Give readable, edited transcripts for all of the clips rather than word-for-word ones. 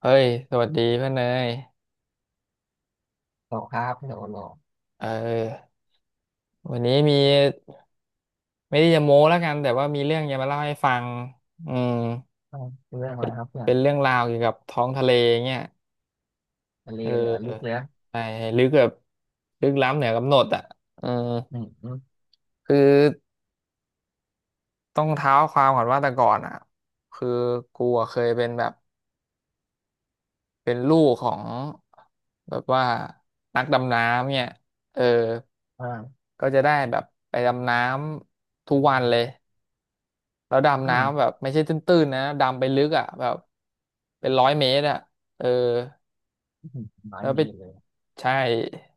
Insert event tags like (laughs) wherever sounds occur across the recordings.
เฮ้ยสวัสดีเพื่อนเนยตกครับโดนหลอกเออวันนี้มีไม่ได้จะโม้แล้วกันแต่ว่ามีเรื่องจะมาเล่าให้ฟังอืมอ่าวเรื่องอะไรครับเพื่อนเป็นเรื่องราวเกี่ยวกับท้องทะเลเงี้ยทะเลเเหลือลึกเลยออใช่ลึกแบบลึกล้ำเหนือกำหนดอ่ะเอออืมอืมคือต้องเท้าความก่อนว่าแต่ก่อนอ่ะคือกูอะเคยเป็นแบบเป็นลูกของแบบว่านักดำน้ำเนี่ยเอออ่าก็จะได้แบบไปดำน้ำทุกวันเลย แล้วอืดำน้ำแบมบไม่ใช่ตื้นๆนะดำไปลึกอ่ะแบบเป็นร้อยเมตรอ่ะเอออื้น้อยแล้วไปมีเลยใช่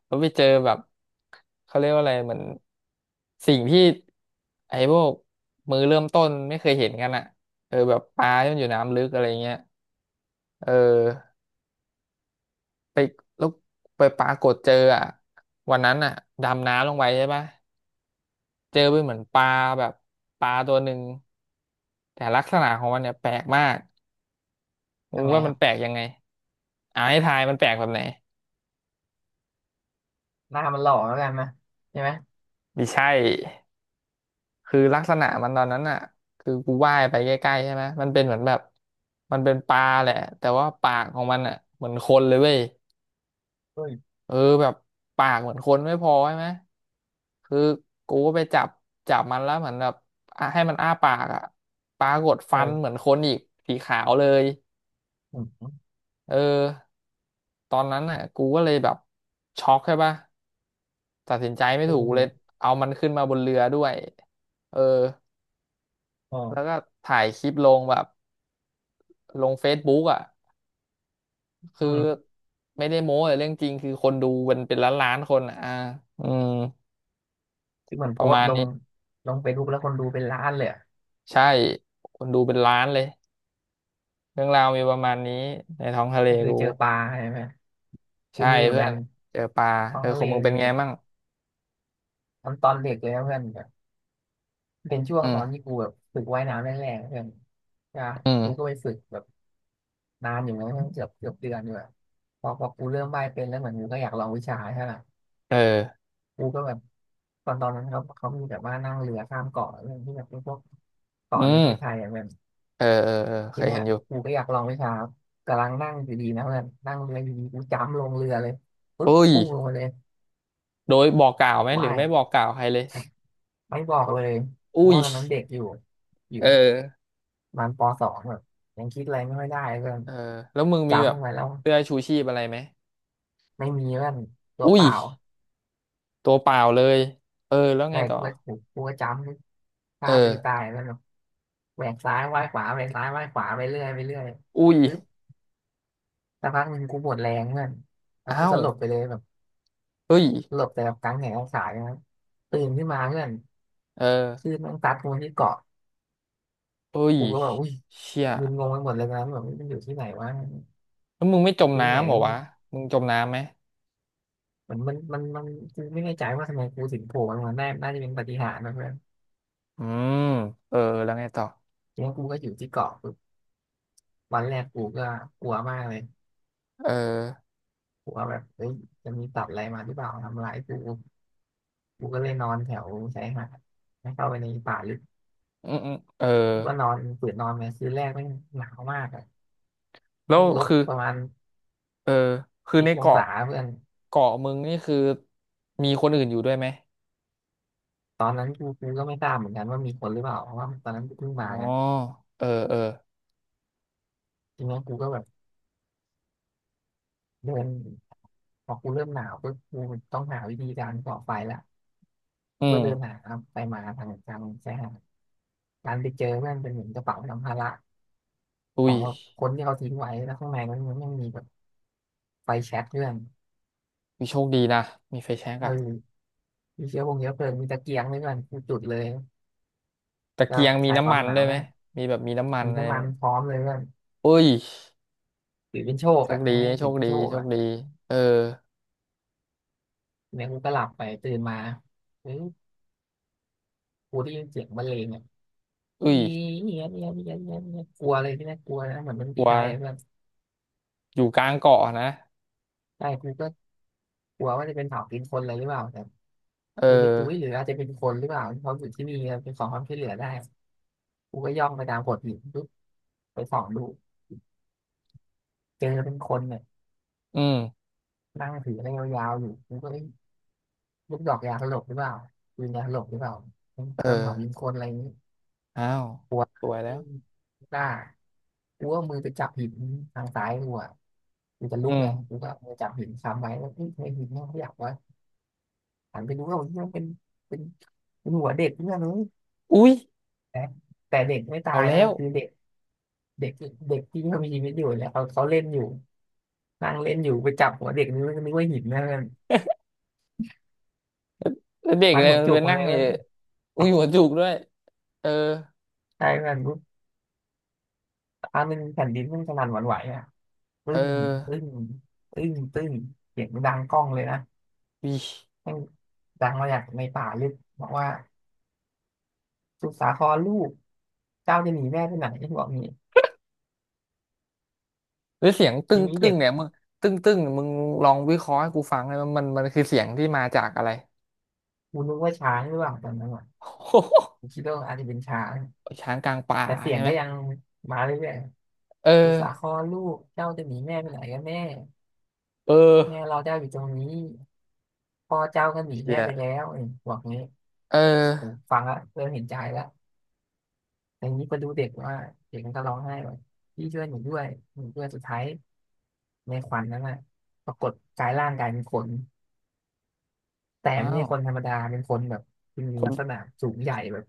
แล้วไปเจอแบบเขาเรียกว่าอะไรเหมือนสิ่งที่ไอ้พวกมือเริ่มต้นไม่เคยเห็นกันอ่ะเออแบบปลาที่มันอยู่น้ำลึกอะไรเงี้ยเออไปแล้วไปปรากฏเจออ่ะวันนั้นอ่ะดำน้ำลงไปใช่ปะเจอไปเหมือนปลาแบบปลาตัวหนึ่งแต่ลักษณะของมันเนี่ยแปลกมาก มึยังงไงว่าคมันรับแปลกยังไงให้ทายมันแปลกแบบไหนหน้ามันหล่อแล้วกันนะใช่ไหมไม่ใช่คือลักษณะมันตอนนั้นอ่ะคือกูว่ายไปใกล้ๆใช่ไหมมันเป็นเหมือนแบบมันเป็นปลาแหละแต่ว่าปากของมันอ่ะเหมือนคนเลยเว้ยเฮ้ยเออแบบปากเหมือนคนไม่พอใช่ไหมคือกูก็ไปจับจับมันแล้วเหมือนแบบอ่ะให้มันอ้าปากอ่ะปรากฏฟันเหมืเอออนคนอีกสีขาวเลยอืมอืมเออตอนนั้นอ่ะกูก็เลยแบบช็อกใช่ปะ ตัดสินใจไม่เออถูกดิเลยเอามันขึ้นมาบนเรือด้วยเอออ๋อแล้วก็ถ่ายคลิปลงแบบลงเฟซบุ๊กอ่ะอืคือมไม่ได้โม้แต่เรื่องจริงคือคนดูเป็นล้านล้านคนอะอ่าอืมคือเหมือนโพประสมาต์ณลงนี้ ลงเฟซบุ๊กแล้วคนดูเป็นล้านเลยอะใช่ คนดูเป็นล้านเลย เรื่องราวมีประมาณนี้ในท้องทะเลก็คือกูเจอปลาใช่ไหมกูใช่มีเหมือนเพื่อกันนเจอปลาท้อเองอทะขอเลงมึงเป็นไงมั่งตอนเด็กเลยนะเพื่อนแบบเป็นช่วอืงตอนมที่กูแบบฝึกว่ายน้ำแรกๆเพื่อนนะอืกูก็มไปฝึกแบบ นานอยู่นะั้งเกือบเกือบเดือนอยู่อะพอกูเริ่มว่ายเป็นแล้วเหมือนกูก็อยากลองวิชาใช่ป่ะเออกูก็แบบตอนนั้นเขามีแบบว่านั่งเรือข้ามเกาะเรื่องที่แบบเป็นพวกอืเกาะในปมระเทศไทยอะแบบเออเออเออเคทียเนี้เห็ยนอยู่กูก็อยากลองวิชากำลังนั่งอยู่ดีนะเพื่อนนั่งเรืออยู่ดีกูจ้ำลงเรือเลยปึ๊บอุ้ยพุ่งลงไปเลยโดยบอกกล่าวไหมหรืว่าอยไม่บอกกล่าวใครเลยไม่บอกเลยเพราะอุ้ยว่าตอนนั้นเด็กอยู่อยู่เออ ประมันปสองแบบยังคิดอะไรไม่ค่อยได้เพื่อนเออแล้วมึงมีแบจ้ำลบงไปแล้วเสื้อชูชีพอะไรไหมไม่มีเพื่อนตัวอุ้เปยล่าตัวเปล่าเลยเออแล้วไงใช่ต่อกูก็ถูกกูก็จำเอฆ่าปีตาอยแล้ว แหวกซ้ายว่ายขวาแหวกซ้ายว่ายขวาไปเรื่อยไปเรื่อยอุ้ยปึ๊บสักพักหนึ่งกูหมดแรงเพื่อนแล้วกูอ้าสวลบไปเลยแบบเฮ้ยสลบแต่แบบกลางแหงกลางขาเลยนะครับตื่นขึ้นมาเพื่อนเออคลื่นแมันซัดกูมาที่เกาะเฮ้ยกูก็แบบอุ้ยเชี่ยมึนงงไปหมดเลยนะแบบมันอยู่ที่ไหนวะแล้วมึงไม่จมอยู่ที่ไหนน้ำเหรกัอนแน่วะมึงจมน้ำไหมมันกูไม่แน่ใจว่าทำไมกูถึงโผล่มนมาได้น่าจะเป็นปาฏิหาริย์นะเพื่อนอืมเออแล้วไงต่อทีนี้กูก็อยู่ที่เกาะปึ๊บวันแรกกูก็กลัวมากเลยเออกลัวแบบเฮ้ยจะมีสัตว์อะไรมาหรือเปล่าทำร้ายกู กูก็เลยนอนแถวชายหาดแล้วเข้าไปในป่าลึกอืมอืมเออกูก็นอนฝืนนอนไปคืนแรกแม่งหนาวมากอ่ะแล้วแม่งลบคือประมาณเออคือสิในบองเกาะศาเพื่อนเกาะมึงนี่คือมีคนอื่นอยู่ด้วยไหมตอนนั้นกูก็ไม่ทราบเหมือนกันว่ามีคนหรือเปล่าเพราะว่าตอนนั้นกูเพิ่งอ๋อมาไงเออเออทีนี้กูก็แบบเดินพอกูเริ่มหนาวก็กูต้องหาวิธีการก่อไฟละอืก็เดินมหาไปมาทางชายหาดการไปเจอเพื่อนเป็นเหมือนกระเป๋าสัมภาระขอุ้อยงแบบคนที่เขาทิ้งไว้แล้วข้างในมันยังมีแบบไฟแช็กเพื่อนมีโชคดีนะมีไฟแช็กเออะ อมีเชื้อพงเชื้อเพลิงมีตะเกียงด้วยกันกูจุดเลย ตะก็เกียงคมีลายคน้ำวามมันหนาด้ววยไหได้มมีแบบมีน้ำมันมีอะไรน้ำมัไหมนพร้อมเลยเพื่อนอุ้ยถือเป็นโชคโชคอ่ะดีทำใหโชถือคเป็นดีโชคโชคอ่ะดีเออเนี่ยกูก็หลับไปตื่นมาเฮ้ยกูได้ยินเสียงบรรเลงอ่ะอุ้ยเยียเยียเยียเยียเยียกลัวเลยที่แรกกลัวนะเหมือนมันตกลัรีวไทยอะเพื่อนอยู่กลางเกาะนะใช่กูก็กลัวว่าจะเป็นเผากินคนอลยรหรือเปล่าแต่เออกูนึกดูหรืออาจจะเป็นคนหรือเปล่าที่เขาอยู่ที่นี่เป็นของความช่วยเหลือได้กูก็ย่องไปตามโขดหินปุ๊บไปส่องดูเจอเป็นคนเนี่ยอืมนั่งถืออะไรยาวๆอยู่กูก็เอ้ยลูกดอกยาสลบหรือเปล่าปืนยาสลบหรือเปล่าเป็นเออเผากินคนอะไรอย่างนี้ อ้าวกลัวสวยแล้วหน้ากูก็อามือไปจับหินทางซ้ายกูอ่ะกูจะลุอืกไงกูมก็อมือจับหินค้ำไว้แล้วเฮ้ยทำไมหินมันขยับวะหันไปดูเอ้าเฮ้ยมันเป็นเป็นหัวเด็กเพื่อนเลยอุ้ย แต่แต่เด็กไม่ตาเอายนะแล้ว คือเด็กเด็กเด็กที่เขามีชีวิตอยู่เนี่ยเขาเล่นอยู่นั่งเล่นอยู่ไปจับหัวเด็กนี่มันนึกว่าหินนะมัน (laughs) แล้วเด็กมันอะไรหัวมันจุไปกมานั่เลงยอยู่มันอุ้ยหัวจุกด้วย เออใช่มันปุ๊บอันนึงแผ่นดินมันสนั่นหวั่นไหวอ่ะเอปึ้องปึ้งปึ้งปึ้งเสียงดังก้องเลยนะวิแม่งดังมาจากในป่าลึกบอกว่า สุดสาครลูกเจ้าจะหนีแม่ไปไหนบอกนี่หรือเสียงตึ้ทีงนี้ตึ้เด็งกเนี่ยมึงตึ้งตึ้งมึงลองวิเคราะห์ให้กูฟังเลยมันคือเสียงที่มาจากอะไร กูนึกว่าช้างหรือเปล่าตอนนั้นอ่ะ (laughs) โโห กูคิดว่าอาจจะเป็นช้าง (laughs) ช้างกลางป่าแต่เสียใช่งไหมก็ยังมาเรื่อยเออ ๆสุดสาครลูกเจ้าจะหนีแม่ไปไหนกันแม่เออแม่เราเจ้าอยู่ตรงนี้พ่อเจ้าก็หนีเชี่แม่ยไปแล้วเอ้ยบอกงี้เอผมอฟังแล้วเริ่มเห็นใจแล้วแต่ทีนี้ไปดูเด็กว่าเด็กมันก็ร้องไห้ว่าพี่ช่วยหนูด้วยหนูด้วยสุดท้ายในขวัญนั้นน่ะปรากฏกายร่างกายเป็นคนแต่ไม่อ้าใช่วคนธรรมดาเป็นคนแบบมีคลันกษณะสูงใหญ่แบบ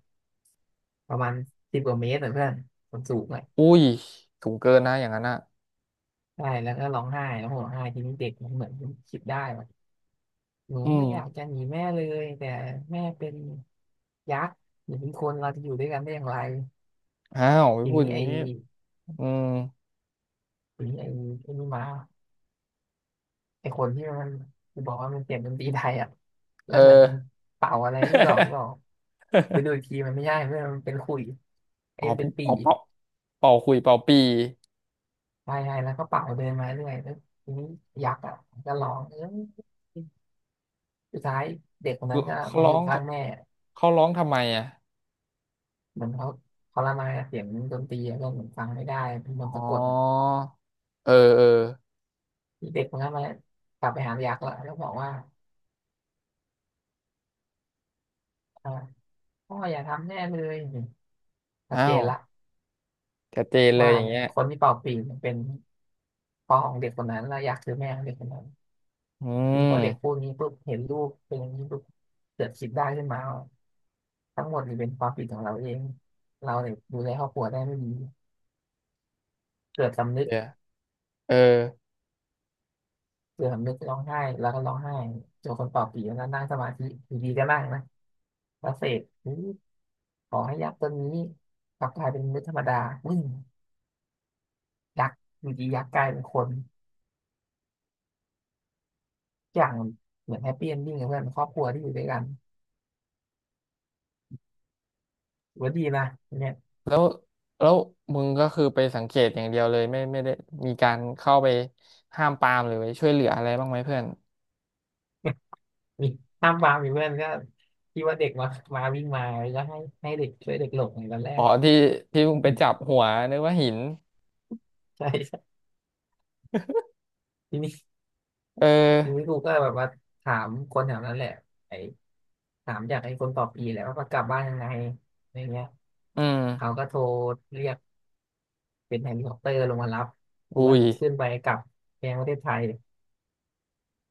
ประมาณสิบกว่าเมตรอะเพื่อนคนสูงเลยอุ้ยสูงเกินนะอย่างนั้นอ่ะใช่แล้วก็ร้องไห้แล้วผมร้องไห้ทีนี้เด็กมันเหมือนคิดได้ว่าหนูอืไม่มอยากจะหนีแม่เลยแต่แม่เป็นยักษ์หนูเป็นคนเราจะอยู่ด้วยกันได้อย่างไรอ้าวไม่ทีพูดนี้อย่างไอ้นี้อืมทีนี้ไอ้ไอ้นี่มาไอ้คนที่มันบอกว่ามันเปลียงดนตรีไทยอ่ะแล้เอวเหมือนอ เป่าอะไรลูกดอกหรือเปล่า (laughs) ไปดูอีกทีมันไม่ใช่เพื่อนมันเป็นขุยไอ้เป่ามันเป็นปี่เป่าเป่าเป่าคุยเป่าปีใช่ใช่แล้วก็เป่าเดินมาเรื่อยแล้วทีนี้ยักษ์อ่ะมันก็ร้องเออ สุดท้ายเด็กคนนั้นก็เขามาร้ออยู่งข้างแม่เขาร้องทำไมอ่ะเหมือนเขาเขาละมายเสียงดนตรีก็เหมือนฟังไม่ได้เป็นมนต์อ๋อสะกดอ่ะเออเออที่เด็กคนนั้นมากลับไปหายักษ์ละแล้วบอกว่าอ่าพ่ออย่าทำแน่เลยชัดอ้าเจนวละชัดเจนเลยว่าอย่างเนี่ยเงี้ยคนที่เป่าปีเนเป็นพ่อของเด็กคนนั้นและยักษ์คือแม่ของเด็กคนนั้นอืนี่พอเด็กพูมดนี้ปุ๊บเห็นลูกเป็นอย่างนี้ปุ๊บเกิดคิดได้ขึ้นมาว่าทั้งหมดนี่เป็นความผิดของเราเองเราเนี่ยดูแลครอบครัวได้ไม่ดีเกิดสำนึก เดี๋ยวเออเสื่อมนึกร้องไห้แล้วก็ร้องไห้เจอคนเป่าปีแล้วนั่งสมาธิอยู่ดีก็นั่งนะแล้วเสกอุ๊ยขอให้ยักษ์ตัวนี้กลับกลายเป็นมนุษย์ธรรมดาวิ่งยักษ์อยู่ดียักษ์กลายเป็นคนทุกอย่างเหมือนแฮปปี้เอนดิ้งกับเพื่อนครอบครัวที่อยู่ด้วยกันถือว่าดีนะเนี่ย แล้วแล้วมึงก็คือไปสังเกตอย่างเดียวเลยไม่ได้มีการเข้าไปห้ามปรามหรือไปช่วยเหลืออะไรบ้างไหมเพื่อน (laughs) มีห้ามวางมีเพื่อนก็ที่ว่าเด็กมามาวิ่งมาแล้วก็ให้เด็กช่วยเด็กหลบในตอนแรอ๋กออ่ะ ที่มึงไปจับ (laughs) หัวนึกว่าหินใช่ใช่ทีนี้เอทีนี้อกูก็แบบว่าถามคนแถวนั้นแหละไอ้ถามอยากให้คนต่อปีแหละว่าเขากลับบ้านยังไงอะไรเงี้ย อืมเขาก็โทรเรียกเป็นเฮลิคอปเตอร์ลงมารับกูก็อุ้ยขึ้นไปกลับแกงประเทศไทย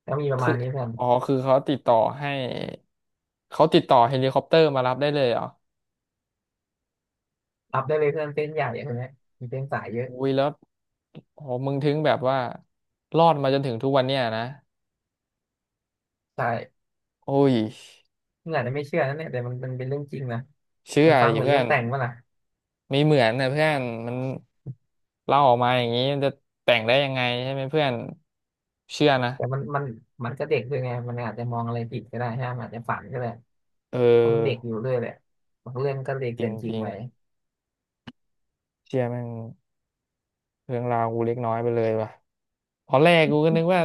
ก็มีประคืมาอณนี้เพื่อนอ๋อคือเขาติดต่อให้เขาติดต่อเฮลิคอปเตอร์มารับได้เลยเหรอรับได้เลยเพื่อนเส้นใหญ่อะไรเนี้ยมีเส้นสายเยอะอุ้ยแล้วโอ้มึงถึงแบบว่ารอดมาจนถึงทุกวันเนี้ยนะใช่โอ้ยมึงอาจจะไม่เชื่อนะเนี่ยแต่มันเป็นเรื่องจริงนะเชื่มัอนฟังดิเหมือนเพื่เรื่อองนแต่งป่ะล่ะไม่เหมือนนะเพื่อนมันเล่าออกมาอย่างนี้มันจะแต่งได้ยังไงใช่ไหมเพื่อนเชื่อนะแต่มันก็เด็กด้วยไงมันอาจจะมองอะไรผิดก็ได้ฮะมันอาจจะฝันก็ได้เอเพราะมันเด็กออยู่ด้วยแหละบางเรื่องก็เลยจรเกินจริงิงไปๆเชื่อแม่งเรื่องราวกูเล็กน้อยไปเลยว่ะ ตอนแรกกูก็นึกว่า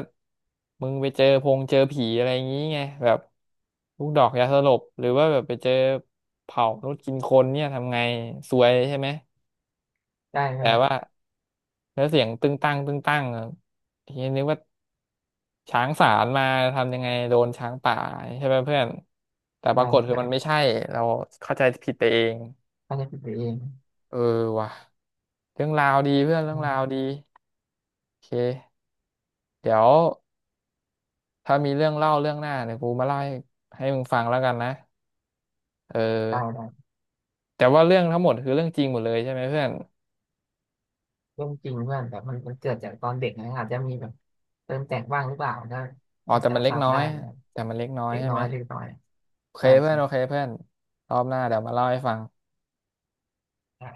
มึงไปเจอพงเจอผีอะไรอย่างงี้ไงแบบลูกดอกยาสลบหรือว่าแบบไปเจอเผามนุษย์กินคนเนี่ยทำไงซวยใช่ไหมได้ไหมแต่ได้คว่ารับแล้วเสียงตึงตั้งตึงตั้งอะทีนี้นึกว่าช้างสารมาทำยังไงโดนช้างป่าใช่ไหมเพื่อนแต่ปรากฏคือมันไม่ใช่เราเข้าใจผิดไปเองอาจจะผิดไปเองเออว่ะเรื่องราวดีเพื่อนเรื่อืองราวมดีโอเคเดี๋ยว ถ้ามีเรื่องเล่าเรื่องหน้าเดี๋ยวกูมาเล่าให้ให้มึงฟังแล้วกันนะเออได้ได้แต่ว่าเรื่องทั้งหมดคือเรื่องจริงหมดเลยใช่ไหมเพื่อนเรื่องจริงเพื่อนแต่มันเกิดจากตอนเด็กนะอาจจะมีแบบ เติมแต่งว่างหรือเปล่านะอ๋อไม่แต่จะมัอานจเล็ทกราบน้อได้ยนะครับแต่มันเล็กน้อยเล็กใช่น้อไหมยเล็กน้อยโอเคได้เพื่อนโอเคใช่เพื่อนรอบหน้าเดี๋ยวมาเล่าให้ฟังได้